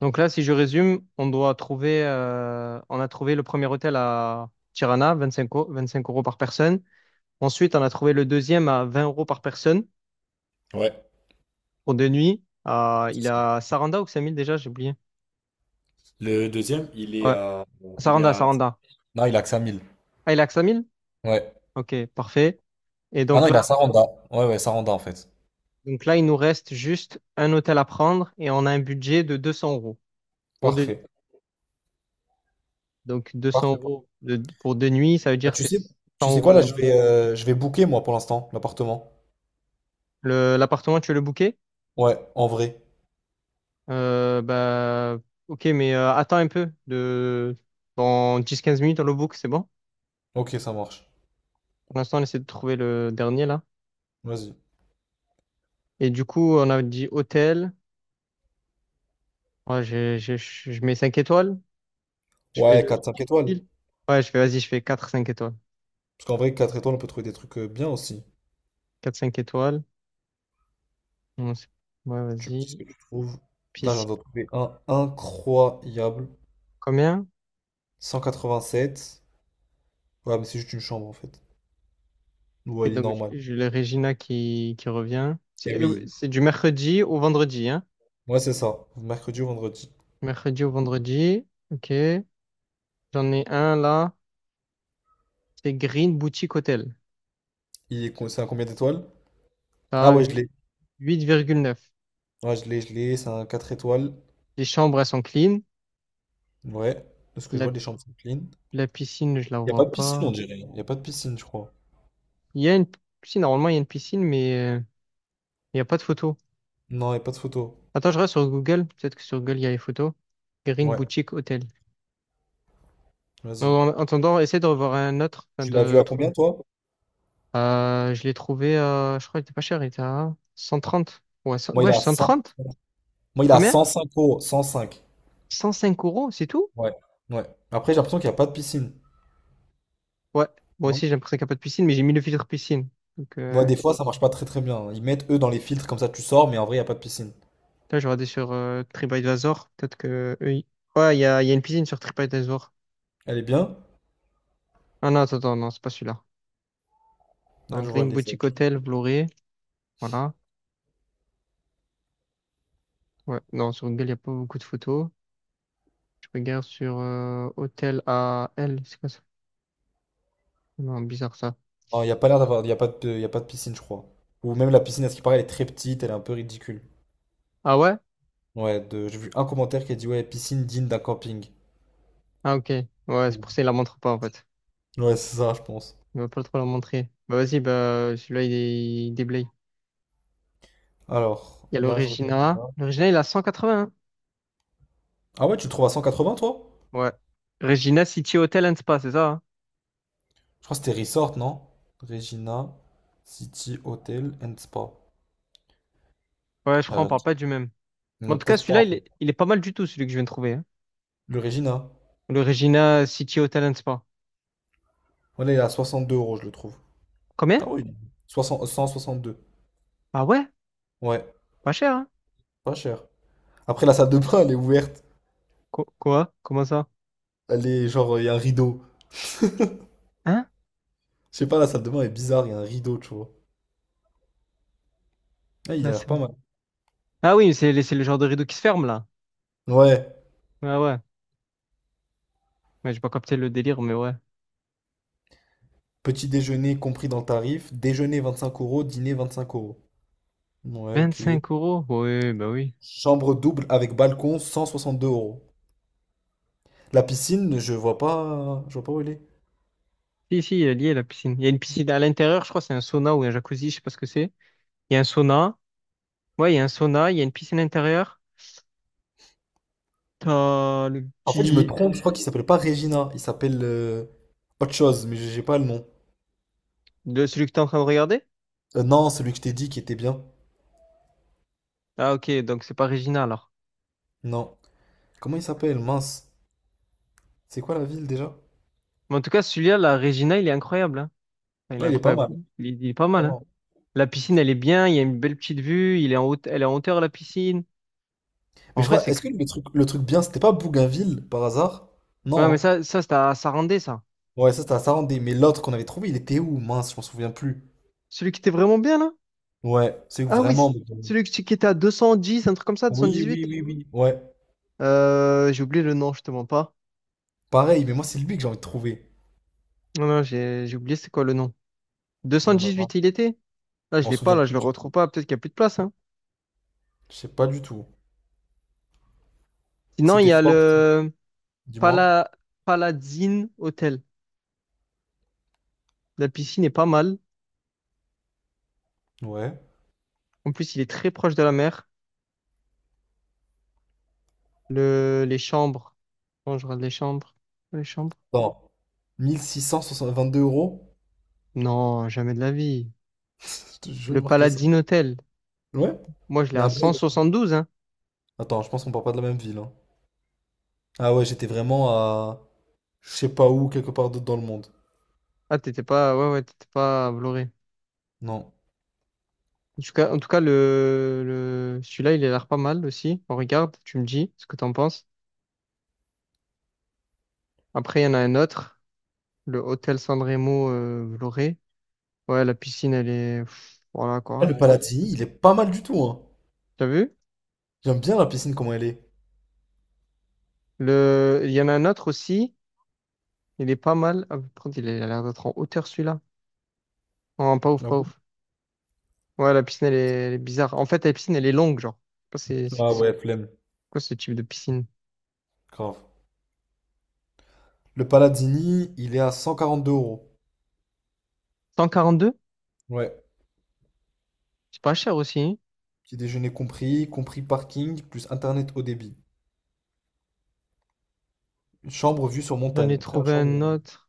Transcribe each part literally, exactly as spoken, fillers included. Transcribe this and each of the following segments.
Donc là, si je résume, on doit trouver, euh, on a trouvé le premier hôtel à Tirana, vingt-cinq euros vingt-cinq euros par personne. Ensuite, on a trouvé le deuxième à vingt euros par personne Ouais. pour deux nuits. Euh, il a Saranda ou Xamil déjà, j'ai oublié. Le deuxième, il est Ouais, à... Il est Saranda, à... Saranda. Non, il a que cinq mille. Ah, il a Xamil? Ouais. Ok, parfait. Et Ah donc non, il là, a Saranda. Ouais, ouais, Saranda en fait. donc là, il nous reste juste un hôtel à prendre et on a un budget de deux cents euros pour deux nuits. Parfait. Donc 200 Parfait. euros de- pour deux nuits, ça veut Ah, dire tu c'est sais, 100 tu sais euros quoi la là, je nuit. vais, euh, je vais booker moi pour l'instant, l'appartement. Le- L'appartement, tu veux le booker? Ouais, en vrai. Euh, bah, ok, mais euh, attends un peu. De... Dans dix quinze minutes, dans le book, c'est bon? Ok, ça marche. Pour l'instant, on essaie de trouver le dernier là. Vas-y. Et du coup, on a dit hôtel. Ouais, j'ai- j'ai- je je mets cinq étoiles. Je fais Ouais, le quatre, cinq étoiles. difficile. Ouais, je fais, vas-y, je fais quatre cinq étoiles. Parce qu'en vrai, quatre étoiles, on peut trouver des trucs euh, bien aussi. Quatre cinq étoiles. Bon, c'est- Ouais, Tu me dis ce vas-y. que tu trouves. Là, j'en Piscine, ai trouvé un incroyable. combien? cent quatre-vingt-sept. Ouais, mais c'est juste une chambre en fait. Et Ouais, il est donc, normal. j'ai le Regina qui, qui revient. C'est Eh euh, oui. c'est du mercredi au vendredi, hein? Ouais, c'est ça. Mercredi ou vendredi. Mercredi au vendredi. Ok. J'en ai un là. C'est Green Boutique Hotel. Il est co- c'est un combien d'étoiles? Ah T'as ouais, je huit, l'ai. huit virgule neuf. Ouais, je l'ai, je l'ai. C'est un quatre étoiles. Les chambres, elles sont clean. Ouais. De ce que je La, vois, les chambres sont clean. la piscine, je la Il n'y a vois pas de piscine, on pas. dirait. Il n'y a pas de piscine, je crois. Il y a une, si, normalement, il y a une piscine, mais euh, il n'y a pas de photo. Non, il n'y a pas de photo. Attends, je reste sur Google. Peut-être que sur Google, il y a les photos. Green Ouais, Boutique Hotel. En vas-y. en attendant, essaie de revoir un autre, enfin, Tu l'as vu de à trouver. combien, toi? Euh, je l'ai trouvé, euh, je crois qu'il était pas cher. Il était à cent trente. Ouais, cent Moi, il ouais, a cent cent trente? Moi, il a Combien? cinq euros. Cent cinq. cent cinq euros, c'est tout? Ouais. Ouais. Après, j'ai l'impression qu'il n'y a pas de piscine. Ouais. Moi Non? aussi, j'ai l'impression qu'il n'y a pas de piscine, mais j'ai mis le filtre piscine. Donc, Moi, euh, des fois, ça marche pas très très bien. Ils mettent eux dans les filtres, comme ça, tu sors, mais en vrai, il n'y a pas de piscine. là, je regardé sur euh, TripAdvisor. Peut-être que eux, ils- Ouais, il y a, il y a une piscine sur TripAdvisor. Elle est bien? Ah non, attends, attends, non, c'est pas celui-là. Là, Alors, je vois Green les. Boutique Hotel, Vloré. Voilà. Ouais, non, sur Google, il n'y a pas beaucoup de photos. Je regarde sur euh, Hôtel à L. C'est quoi ça? Non, bizarre ça. Non, il n'y a pas l'air d'avoir. Il n'y a pas de... il y a pas de piscine, je crois. Ou même la piscine, à ce qui paraît, elle est très petite, elle est un peu ridicule. Ah ouais? Ouais, de- j'ai vu un commentaire qui a dit ouais, piscine digne d'un camping. Ah ok. Ouais, c'est Donc, pour ça qu'il la montre pas en fait. Ouais, c'est ça, je pense. Il va pas trop la montrer. Bah vas-y, bah celui-là, il, est- il déblaye. Alors, Il y a le là, je regarde. Regina. Là. Le Regina, il a cent quatre-vingts, hein. Ah ouais, tu le trouves à cent quatre-vingts toi? Ouais. Regina City Hotel and Spa, c'est ça? Hein? Je crois que c'était Resort, non? Regina City Hotel and Spa. Ouais, je crois, on Euh, parle pas du même. Mais en non, tout cas, peut-être pas celui-là, en il fait. est, il est pas mal du tout, celui que je viens de trouver, hein. Le Regina. Le Regina City Hotel Talent Spa. Voilà, il est à soixante-deux euros, je le trouve. Combien? Ah oui. soixante Cent soixante-deux. Ah ouais, Ouais, pas cher, hein? pas cher. Après, la salle de bain, elle est ouverte. Qu- quoi? Comment ça? Elle est genre, il y a un rideau. Hein? Je sais pas, la salle de bain est bizarre, il y a un rideau, tu vois. Ah, il Là, a l'air c'est le- pas mal. Ah oui, c'est le c'est le genre de rideau qui se ferme, là. Ouais. Ah ouais. Ouais, j'ai pas capté le délire, mais ouais. Petit déjeuner compris dans le tarif. Déjeuner vingt-cinq euros, dîner vingt-cinq euros. Ouais, Vingt ok. cinq euros? Oui, bah oui. Chambre double avec balcon, cent soixante deux euros. La piscine, je vois pas, je vois pas où elle est. Si, si, il est lié, la piscine. Il y a une piscine à l'intérieur, je crois, c'est un sauna ou un jacuzzi, je sais pas ce que c'est. Il y a un sauna. Ouais, il y a un sauna, il y a une piscine intérieure. T'as le En fait, je me petit... trompe, euh, je crois qu'il s'appelle pas Regina, il s'appelle euh, autre chose, mais j'ai j'ai pas le nom. de celui que t'es en train de regarder? Euh, non, celui que je t'ai dit qui était bien. Ah ok, donc c'est pas Regina, alors. Non. Comment il s'appelle? Mince. C'est quoi la ville déjà? Mais en tout cas, celui-là, la Regina, il est incroyable, hein. Enfin, il Non, est il est pas incroyable. mal, Il, est il est pas mal, hein. vraiment. La piscine, elle est bien. Il y a une belle petite vue. Il est en haute, elle est en hauteur, la piscine. Mais En je vrai, crois, c'est. que- est-ce que le truc, le truc bien, c'était pas Bougainville par hasard? Ouais, Non, mais hein. ça, ça, c'était à Sarandé, ça. Ouais, ça c'était à Sarandé, mais l'autre qu'on avait trouvé, il était où? Mince, je m'en souviens plus. Celui qui était vraiment bien, là? Ouais, c'est Ah oui, c'est- vraiment. celui qui qui était à deux cent dix, un truc comme ça, Oui, deux cent dix-huit. oui, oui, oui. Ouais, Euh, j'ai oublié le nom, je te mens pas. pareil, mais moi, c'est lui que j'ai envie de trouver. Non, non, j'ai j'ai oublié c'est quoi le nom. Non, non, non. deux cent dix-huit, il était? Là, Je je m'en l'ai pas, souviens là, je plus le du retrouve prix. pas. Peut-être qu'il n'y a plus de place, hein. Je sais pas du tout. Sinon, il C'était y a fort, le dis-moi. Pala... Palazine Hotel. La piscine est pas mal. Ouais. En plus, il est très proche de la mer. Le, les chambres. Quand je regarde les chambres. Les chambres? Attends. mille six cent vingt-deux euros? Non, jamais de la vie. Je te jure, Le j'ai marqué ça. Paladine Hotel. Ouais? Moi, je l'ai Il y a un à bug. cent soixante-douze, hein. Attends, je pense qu'on part pas de la même ville, hein. Ah ouais, j'étais vraiment à. Je sais pas où, quelque part d'autre dans le monde. Ah, t'étais pas, ouais, ouais, t'étais pas à Vloré. Non. En tout cas, en tout cas, le, le, celui-là, il a l'air pas mal aussi. On regarde, tu me dis ce que t'en penses. Après, il y en a un autre. Le Hôtel Sanremo, euh, Vloré. Ouais, la piscine, elle est, pff, voilà, Ah, quoi. le Palatini, il est pas mal du tout, hein. T'as vu? J'aime bien la piscine, comment elle est. Le, il y en a un autre aussi. Il est pas mal. Ah, par contre, il a il a l'air d'être en hauteur, celui-là. Oh, pas ouf, Ah pas bon. ouf. Ouais, la piscine, elle est, elle est bizarre. En fait, la piscine, elle est longue, genre. Je sais pas. C'est c'est- Ah c'est ouais, flemme. quoi ce type de piscine? Grave. Le Palazzini, il est à cent quarante-deux euros. Cent quarante deux. Ouais. C'est pas cher aussi, hein. Petit déjeuner compris, compris parking, plus internet haut débit. Une chambre vue sur J'en montagne. ai Après la trouvé chambre. un euh, autre.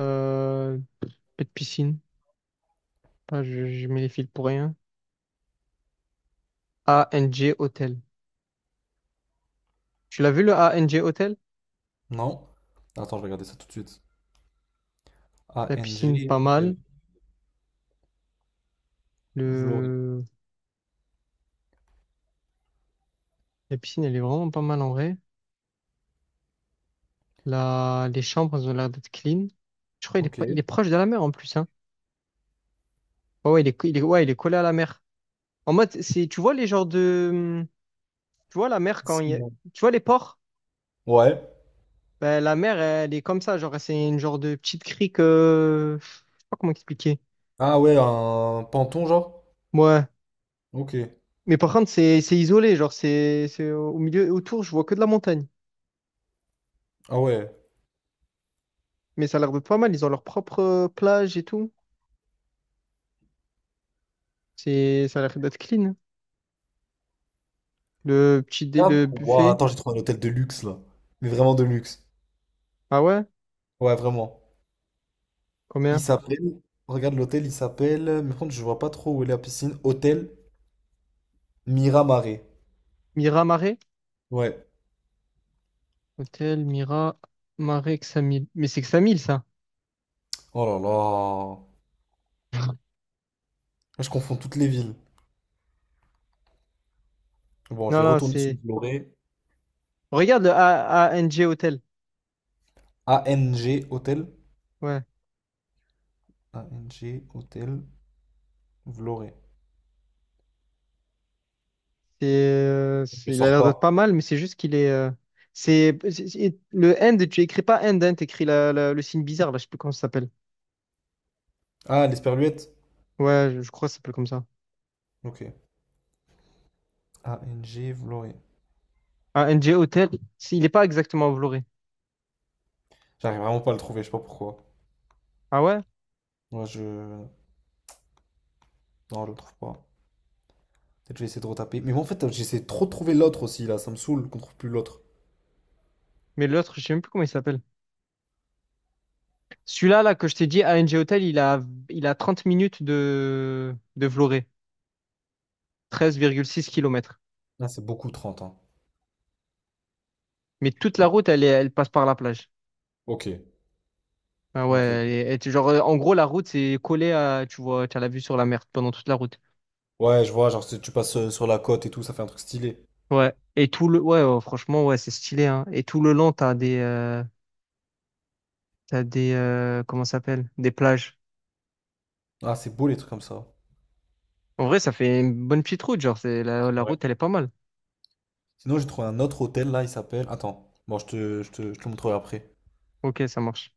Euh, pas de piscine. Ah, je, je mets les fils pour rien. A N G Hotel. Tu l'as vu le A N G Hotel? Non. Attends, je vais regarder ça tout de suite. La A N G piscine, pas hôtel, mal. Vloré. Le... La piscine, elle est vraiment pas mal en vrai. La... Les chambres, elles ont l'air d'être clean. Je crois qu'il est, Ok. pas- il est proche de la mer en plus, hein. Ouais, ouais, il est, co- il est, ouais, il est collé à la mer. En mode, c'est, tu vois les genres de. Tu vois, la mer, quand il y a- Sinon. Tu vois, les ports, Ouais. ben, la mer, elle est comme ça. Genre, c'est une genre de petite crique. euh, Je sais pas comment expliquer. Ah ouais, un Panton genre? Ouais. Ok. Mais par contre, c'est c'est isolé. Genre, c'est c'est au milieu et autour, je vois que de la montagne. Ah ouais. Mais ça a l'air de pas mal. Ils ont leur propre euh, plage et tout. C'est... Ça a l'air d'être clean, hein. Le petit dé... Regarde. le Ouah, buffet. attends, j'ai trouvé un hôtel de luxe là. Mais vraiment de luxe. Ah ouais? Ouais, vraiment. Il Combien? s'appelle. Regarde l'hôtel, il s'appelle. Mais par contre, je vois pas trop où est la piscine. Hôtel Miramaré. Mira Marais? Ouais. Hôtel Mira Marais Xamil. Mais c'est Xamil, ça. Oh là là. Je confonds toutes les villes. Bon, je Non, vais non, retourner sur c'est. Vloré. Regarde le A ANG Hôtel. A N G Hôtel. Ouais. A N G Hôtel Vloré. C'est, euh, Je c'est- il a sors l'air d'être pas. pas mal, mais c'est juste qu'il est. euh, c'est c'est- c'est- le end, tu écris pas end, hein, t'écris la, la- le signe bizarre, là, je sais plus comment ça s'appelle. Ah, l'Esperluette. Ouais, je, je crois que ça s'appelle comme ça. Ok. A N G Vloré. Ah, N g Hotel, c'est- il est pas exactement enveloppé. J'arrive vraiment pas à le trouver, je sais pas pourquoi. Ah ouais? Moi, je. Non, je le trouve pas. Peut-être je vais essayer de retaper. Mais moi, en fait, j'essaie trop de trouver l'autre aussi, là. Ça me saoule qu'on trouve plus l'autre. Mais l'autre, je sais même plus comment il s'appelle. Celui-là, là, que je t'ai dit, a n g Hotel, il a, il a trente minutes de, de Vloré, treize virgule six kilomètres. Là, c'est beaucoup trente, hein. Mais toute la route, elle, est- elle passe par la plage. Ok. Ah ouais, Ok. Ok. elle est- elle est- genre, euh, en gros, la route, c'est collé à, tu vois, tu as la vue sur la mer pendant toute la route. Ouais, je vois, genre, c'est- tu passes euh, sur la côte et tout, ça fait un truc stylé. Ouais. Et tout le, ouais, ouais, franchement, ouais, c'est stylé, hein. Et tout le long, t'as des, euh, t'as des, euh, comment ça s'appelle? Des plages. Ah, c'est beau les trucs comme ça. En vrai, ça fait une bonne petite route, genre, c'est, la, la route, elle est pas mal. Sinon, j'ai trouvé un autre hôtel là, il s'appelle. Attends, bon, je te, je te, je te le montrerai après. Ok, ça marche.